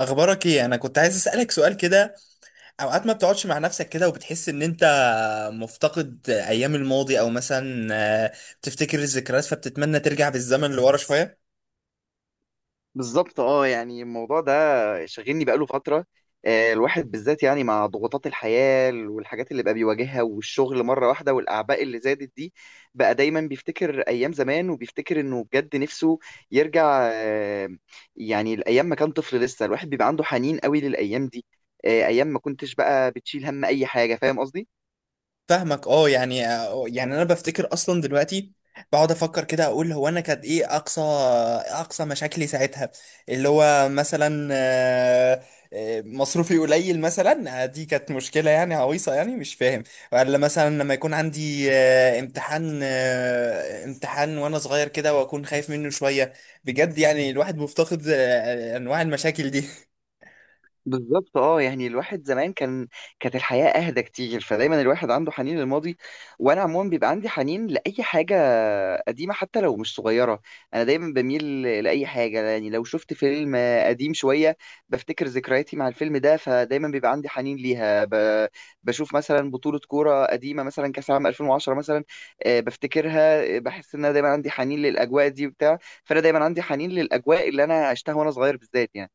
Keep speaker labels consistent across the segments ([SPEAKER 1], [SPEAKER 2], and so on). [SPEAKER 1] اخبارك ايه؟ انا كنت عايز اسالك سؤال كده. اوقات ما بتقعدش مع نفسك كده وبتحس ان انت مفتقد ايام الماضي، او مثلا آه، بتفتكر الذكريات فبتتمنى ترجع بالزمن لورا شويه.
[SPEAKER 2] بالظبط اه يعني الموضوع ده شاغلني بقاله فترة. الواحد بالذات يعني مع ضغوطات الحياة والحاجات اللي بقى بيواجهها والشغل مرة واحدة والأعباء اللي زادت دي، بقى دايما بيفتكر أيام زمان وبيفتكر إنه بجد نفسه يرجع. يعني الأيام ما كان طفل لسه، الواحد بيبقى عنده حنين قوي للأيام دي. أيام ما كنتش بقى بتشيل هم أي حاجة. فاهم قصدي؟
[SPEAKER 1] فاهمك، اه يعني، يعني انا بفتكر اصلا دلوقتي بقعد افكر كده، اقول هو انا كانت ايه اقصى مشاكلي ساعتها؟ اللي هو مثلا مصروفي قليل مثلا، دي كانت مشكلة يعني عويصة، يعني مش فاهم. ولا مثلا لما يكون عندي امتحان، امتحان وانا صغير كده واكون خايف منه شوية. بجد يعني الواحد مفتقد انواع المشاكل دي.
[SPEAKER 2] بالظبط اه يعني الواحد زمان كانت الحياة اهدى كتير، فدايما الواحد عنده حنين للماضي. وانا عموما بيبقى عندي حنين لاي حاجة قديمة حتى لو مش صغيرة. انا دايما بميل لاي حاجة، يعني لو شفت فيلم قديم شوية بفتكر ذكرياتي مع الفيلم ده، فدايما بيبقى عندي حنين ليها. بشوف مثلا بطولة كورة قديمة، مثلا كأس العالم 2010 مثلا. بفتكرها. بحس ان انا دايما عندي حنين للاجواء دي وبتاع. فانا دايما عندي حنين للاجواء اللي انا عشتها وانا صغير بالذات يعني.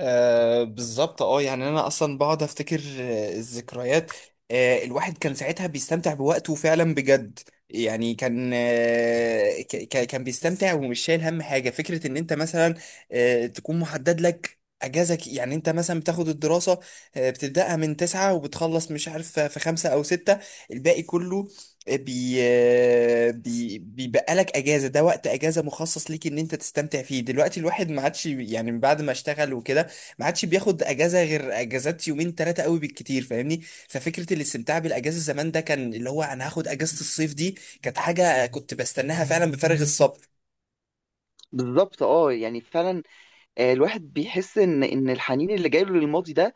[SPEAKER 1] آه بالظبط، اه يعني انا اصلا بقعد افتكر الذكريات. آه، الواحد كان ساعتها بيستمتع بوقته فعلا بجد. يعني كان كان بيستمتع ومش شايل هم حاجه. فكره ان انت مثلا تكون محدد لك اجازك، يعني انت مثلا بتاخد الدراسه، بتبداها من تسعة وبتخلص مش عارف في خمسة او ستة، الباقي كله آه، بي آه، بي بيبقى لك اجازه. ده وقت اجازه مخصص ليك ان انت تستمتع فيه. دلوقتي الواحد ما عادش، يعني بعد ما اشتغل وكده ما عادش بياخد اجازه غير اجازات يومين ثلاثه قوي بالكتير، فاهمني؟ ففكره الاستمتاع بالاجازه زمان، ده كان اللي هو انا هاخد اجازه الصيف دي، كانت حاجه كنت بستناها فعلا بفارغ الصبر.
[SPEAKER 2] بالظبط اه يعني فعلا. الواحد بيحس ان الحنين اللي جايله للماضي ده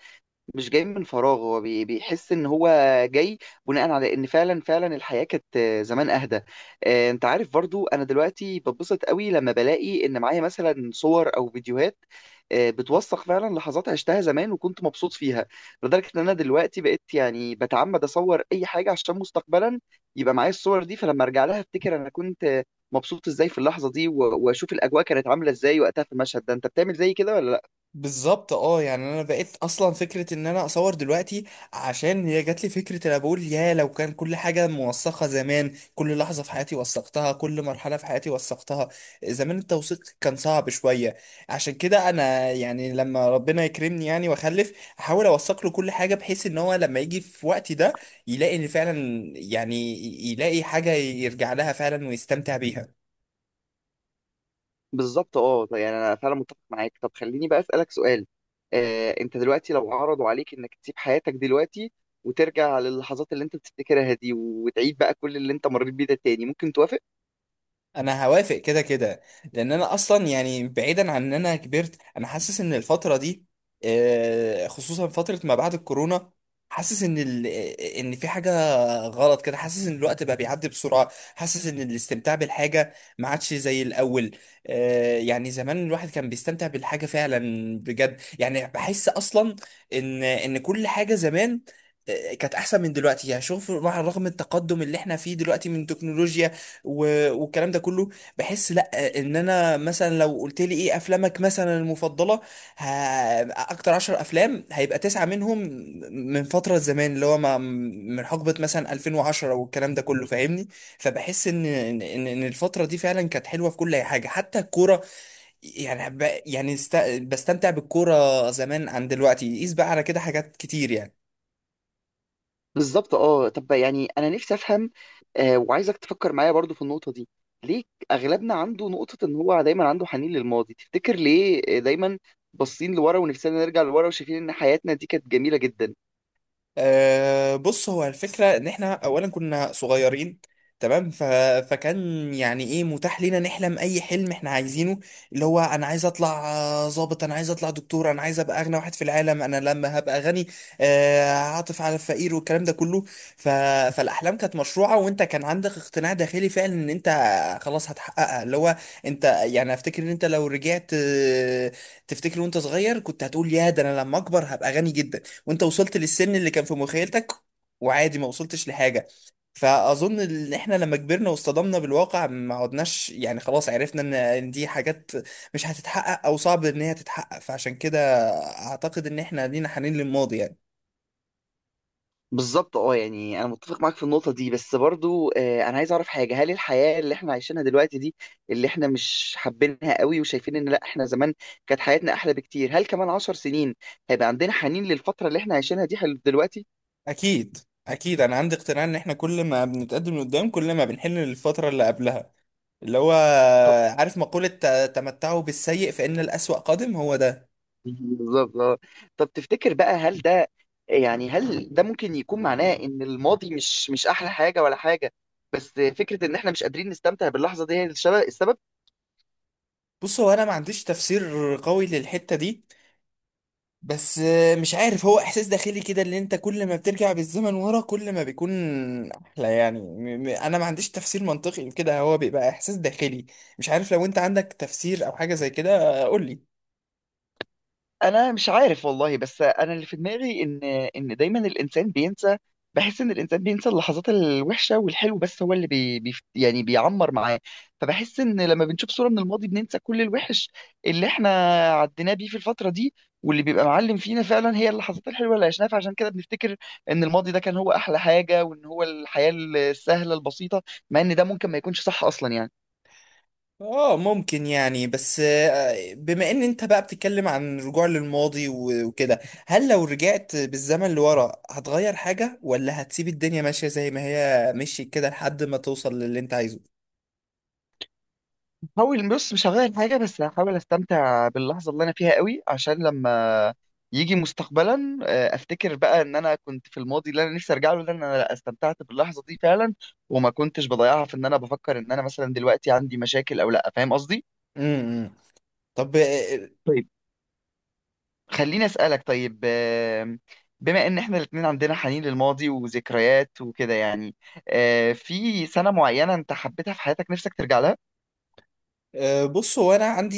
[SPEAKER 2] مش جاي من فراغ. هو بيحس ان هو جاي بناء على ان فعلا فعلا الحياه كانت زمان اهدى. انت عارف برضو انا دلوقتي ببسط قوي لما بلاقي ان معايا مثلا صور او فيديوهات بتوثق فعلا لحظات عشتها زمان وكنت مبسوط فيها، لدرجه ان انا دلوقتي بقيت يعني بتعمد اصور اي حاجه عشان مستقبلا يبقى معايا الصور دي. فلما ارجع لها افتكر انا كنت مبسوط ازاي في اللحظه دي واشوف الاجواء كانت عامله ازاي وقتها في المشهد ده. انت بتعمل زي كده ولا لا؟
[SPEAKER 1] بالظبط، اه يعني انا بقيت اصلا فكره ان انا اصور دلوقتي عشان هي جات لي فكره. انا بقول يا لو كان كل حاجه موثقه زمان، كل لحظه في حياتي وثقتها، كل مرحله في حياتي وثقتها. زمان التوثيق كان صعب شويه. عشان كده انا يعني لما ربنا يكرمني يعني واخلف، احاول اوثق له كل حاجه بحيث ان هو لما يجي في وقتي ده يلاقي ان فعلا يعني يلاقي حاجه يرجع لها فعلا ويستمتع بيها.
[SPEAKER 2] بالظبط اه، طيب يعني انا فعلا متفق معاك. طب خليني بقى اسالك سؤال. انت دلوقتي لو عرضوا عليك انك تسيب حياتك دلوقتي وترجع للحظات اللي انت بتفتكرها دي، وتعيد بقى كل اللي انت مريت بيه ده تاني، ممكن توافق؟
[SPEAKER 1] انا هوافق كده كده، لان انا اصلا يعني بعيدا عن ان انا كبرت، انا حاسس ان الفتره دي، خصوصا فتره ما بعد الكورونا، حاسس ان ال... آه، ان في حاجه غلط كده. حاسس ان الوقت بقى بيعدي بسرعه، حاسس ان الاستمتاع بالحاجه ما عادش زي الاول. يعني زمان الواحد كان بيستمتع بالحاجه فعلا بجد. يعني بحس اصلا ان كل حاجه زمان كانت احسن من دلوقتي. يعني شوف، مع رغم التقدم اللي احنا فيه دلوقتي من تكنولوجيا والكلام ده كله، بحس لا. ان انا مثلا لو قلت لي ايه افلامك مثلا المفضله؟ ه... اكتر عشر افلام هيبقى تسعه منهم من فتره زمان، اللي هو ما... من حقبه مثلا 2010 والكلام ده كله، فاهمني؟ فبحس ان ان ان إن الفتره دي فعلا كانت حلوه في كل حاجه، حتى الكوره. يعني بستمتع بالكوره زمان عن دلوقتي، قيس بقى على كده حاجات كتير يعني.
[SPEAKER 2] بالظبط اه، طب يعني انا نفسي افهم. وعايزك تفكر معايا برضو في النقطه دي. ليه اغلبنا عنده نقطه ان هو دايما عنده حنين للماضي؟ تفتكر ليه دايما باصين لورا ونفسنا نرجع لورا وشايفين ان حياتنا دي كانت جميله جدا؟
[SPEAKER 1] أه بص، هو الفكرة إن إحنا أولا كنا صغيرين، تمام؟ فكان يعني إيه متاح لينا نحلم أي حلم إحنا عايزينه، اللي هو أنا عايز أطلع ظابط، أنا عايز أطلع دكتور، أنا عايز أبقى أغنى واحد في العالم، أنا لما هبقى غني هعطف على الفقير والكلام ده كله. ف... فالأحلام كانت مشروعة، وأنت كان عندك اقتناع داخلي فعلا إن أنت خلاص هتحققها. اللي هو أنت يعني أفتكر إن أنت لو رجعت تفتكر وأنت صغير، كنت هتقول يا ده أنا لما أكبر هبقى غني جدا، وانت وصلت للسن اللي كان في مخيلتك وعادي ما وصلتش لحاجة. فأظن إن إحنا لما كبرنا واصطدمنا بالواقع ما عدناش، يعني خلاص عرفنا إن دي حاجات مش هتتحقق أو صعب إن هي تتحقق، فعشان كده أعتقد إن إحنا لينا حنين للماضي يعني.
[SPEAKER 2] بالظبط اه يعني انا متفق معاك في النقطه دي. بس برضو انا عايز اعرف حاجه. هل الحياه اللي احنا عايشينها دلوقتي دي، اللي احنا مش حابينها قوي وشايفين ان لا، احنا زمان كانت حياتنا احلى بكتير، هل كمان عشر سنين هيبقى عندنا حنين للفتره اللي احنا عايشينها دي دلوقتي؟
[SPEAKER 1] أكيد، أكيد أنا عندي اقتناع إن إحنا كل ما بنتقدم لقدام كل ما بنحن للفترة اللي قبلها. اللي هو
[SPEAKER 2] طب.
[SPEAKER 1] عارف مقولة تمتعوا بالسيء فإن الأسوأ قادم، هو ده.
[SPEAKER 2] بالظبط اه. طب تفتكر بقى، هل ده يعني هل ده ممكن يكون معناه ان الماضي مش احلى حاجه ولا حاجه؟ بس فكره ان احنا مش قادرين نستمتع باللحظه دي هي السبب؟
[SPEAKER 1] بص، هو أنا ما عنديش تفسير قوي للحتة دي، بس مش عارف، هو احساس داخلي كده اللي انت كل ما بترجع بالزمن ورا كل ما بيكون احلى يعني. انا ما عنديش تفسير منطقي لكده، هو بيبقى احساس داخلي. مش عارف لو انت عندك تفسير او حاجة زي كده قول لي.
[SPEAKER 2] انا مش عارف والله. بس انا اللي في دماغي ان دايما الانسان بينسى. بحس ان الانسان بينسى اللحظات الوحشه والحلو بس هو اللي بي بي يعني بيعمر معاه. فبحس ان لما بنشوف صوره من الماضي بننسى كل الوحش اللي احنا عديناه بيه في الفتره دي، واللي بيبقى معلم فينا فعلا هي اللحظات الحلوه اللي عشناها. فعشان كده بنفتكر ان الماضي ده كان هو احلى حاجه، وان هو الحياه السهله البسيطه، مع ان ده ممكن ما يكونش صح اصلا يعني.
[SPEAKER 1] اه ممكن يعني، بس بما ان انت بقى بتتكلم عن رجوع للماضي وكده، هل لو رجعت بالزمن لورا هتغير حاجة، ولا هتسيب الدنيا ماشية زي ما هي مشيت كده لحد ما توصل للي انت عايزه؟
[SPEAKER 2] هحاول، بص، مش هغير حاجة، بس هحاول استمتع باللحظة اللي انا فيها قوي عشان لما يجي مستقبلا افتكر بقى ان انا كنت في الماضي اللي انا نفسي ارجع له ده، ان انا لا، استمتعت باللحظة دي فعلا وما كنتش بضيعها في ان انا بفكر ان انا مثلا دلوقتي عندي مشاكل او لا. فاهم قصدي؟
[SPEAKER 1] امم طب.
[SPEAKER 2] طيب، خليني اسألك طيب. بما ان احنا الاتنين عندنا حنين للماضي وذكريات وكده، يعني في سنة معينة انت حبيتها في حياتك نفسك ترجع لها؟
[SPEAKER 1] أه، بص، هو انا عندي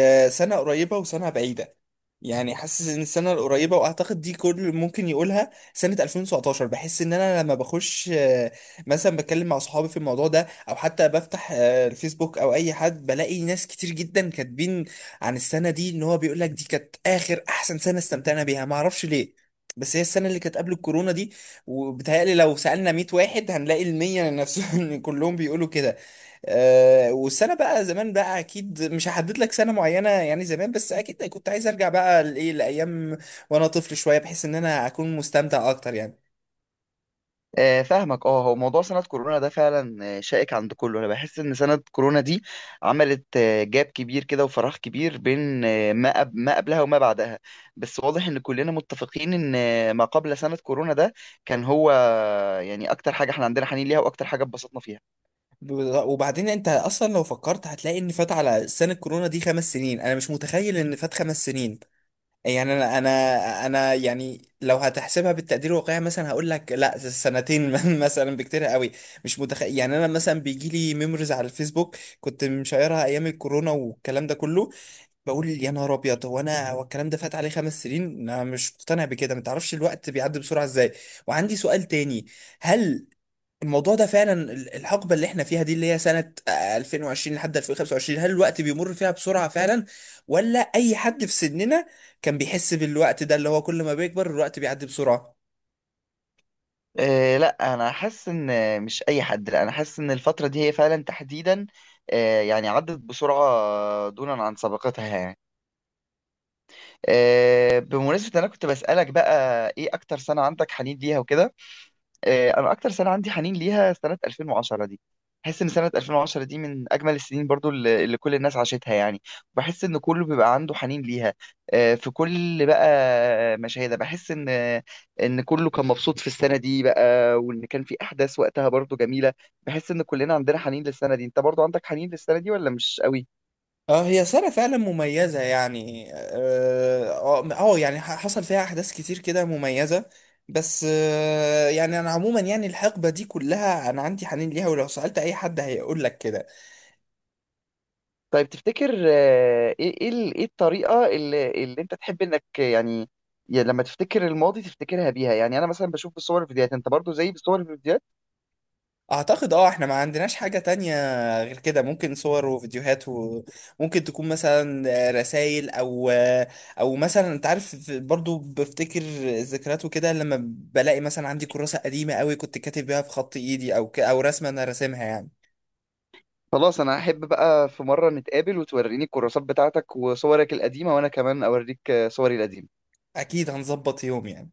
[SPEAKER 1] أه، سنه قريبه وسنه بعيده. يعني حاسس ان السنه القريبه، واعتقد دي كل اللي ممكن يقولها، سنه 2019. بحس ان انا لما بخش مثلا بتكلم مع صحابي في الموضوع ده، او حتى بفتح الفيسبوك او اي حد، بلاقي ناس كتير جدا كاتبين عن السنه دي، ان هو بيقول لك دي كانت اخر احسن سنه استمتعنا بيها. ما اعرفش ليه، بس هي السنة اللي كانت قبل الكورونا دي. وبتهيألي لو سألنا 100 واحد هنلاقي المية نفسهم كلهم بيقولوا كده. أه، والسنه بقى زمان بقى اكيد مش هحدد لك سنه معينه يعني زمان، بس اكيد كنت عايز ارجع بقى لايه، لايام وانا طفل شويه، بحيث ان انا اكون مستمتع اكتر يعني.
[SPEAKER 2] فاهمك اه. هو موضوع سنة كورونا ده فعلا شائك عند كله. انا بحس ان سنة كورونا دي عملت جاب كبير كده وفراغ كبير بين ما قبلها وما بعدها. بس واضح ان كلنا متفقين ان ما قبل سنة كورونا ده كان هو يعني اكتر حاجة احنا عندنا حنين ليها واكتر حاجة اتبسطنا فيها.
[SPEAKER 1] ب- وبعدين انت اصلا لو فكرت هتلاقي ان فات على سنه كورونا دي خمس سنين. انا مش متخيل ان فات خمس سنين، يعني انا يعني لو هتحسبها بالتقدير الواقعي مثلا هقول لك لا سنتين مثلا بكتير قوي. مش متخيل، يعني انا مثلا بيجي لي ميموريز على الفيسبوك كنت مشيرها ايام الكورونا والكلام ده كله، بقول يا نهار ابيض، هو انا هو الكلام ده فات عليه خمس سنين؟ انا مش مقتنع بكده. ما تعرفش الوقت بيعدي بسرعه ازاي. وعندي سؤال تاني، هل الموضوع ده فعلا الحقبه اللي احنا فيها دي، اللي هي سنه 2020 لحد 2025، هل الوقت بيمر فيها بسرعه فعلا، ولا اي حد في سننا كان بيحس بالوقت ده، اللي هو كل ما بيكبر الوقت بيعدي بسرعه؟
[SPEAKER 2] لا انا حاسس ان مش اي حد. لا انا حاسس ان الفترة دي هي فعلا تحديدا يعني عدت بسرعة دونا عن سابقتها يعني. بمناسبة إن أنا كنت بسألك بقى إيه أكتر سنة عندك حنين ليها وكده، أنا أكتر سنة عندي حنين ليها سنة 2010 دي. بحس إن سنة 2010 دي من أجمل السنين برضو اللي كل الناس عاشتها يعني. بحس إن كله بيبقى عنده حنين ليها. في كل بقى مشاهدة بحس إن كله كان مبسوط في السنة دي بقى، وإن كان في أحداث وقتها برضو جميلة. بحس إن كلنا عندنا حنين للسنة دي. أنت برضو عندك حنين للسنة دي ولا مش قوي؟
[SPEAKER 1] اه هي سنة فعلا مميزة يعني، اه، يعني حصل فيها أحداث كتير كده مميزة. بس يعني أنا عموما يعني الحقبة دي كلها أنا عندي حنين ليها، ولو سألت أي حد هيقول لك كده.
[SPEAKER 2] طيب تفتكر إيه الطريقه اللي انت تحب انك، يعني يعني لما تفتكر الماضي تفتكرها بيها؟ يعني انا مثلا بشوف بالصور الفيديوهات، انت برضو زي، بالصور الفيديوهات؟
[SPEAKER 1] أعتقد أه إحنا ما عندناش حاجة تانية غير كده. ممكن صور وفيديوهات، وممكن تكون مثلا رسائل، أو مثلا أنت عارف برضو بفتكر الذكريات وكده لما بلاقي مثلا عندي كراسة قديمة قوي كنت كاتب بيها في خط إيدي، أو رسمة أنا راسمها يعني.
[SPEAKER 2] خلاص، انا احب بقى في مره نتقابل وتوريني الكراسات بتاعتك وصورك القديمه، وانا كمان اوريك صوري القديمه.
[SPEAKER 1] اكيد هنظبط يوم يعني.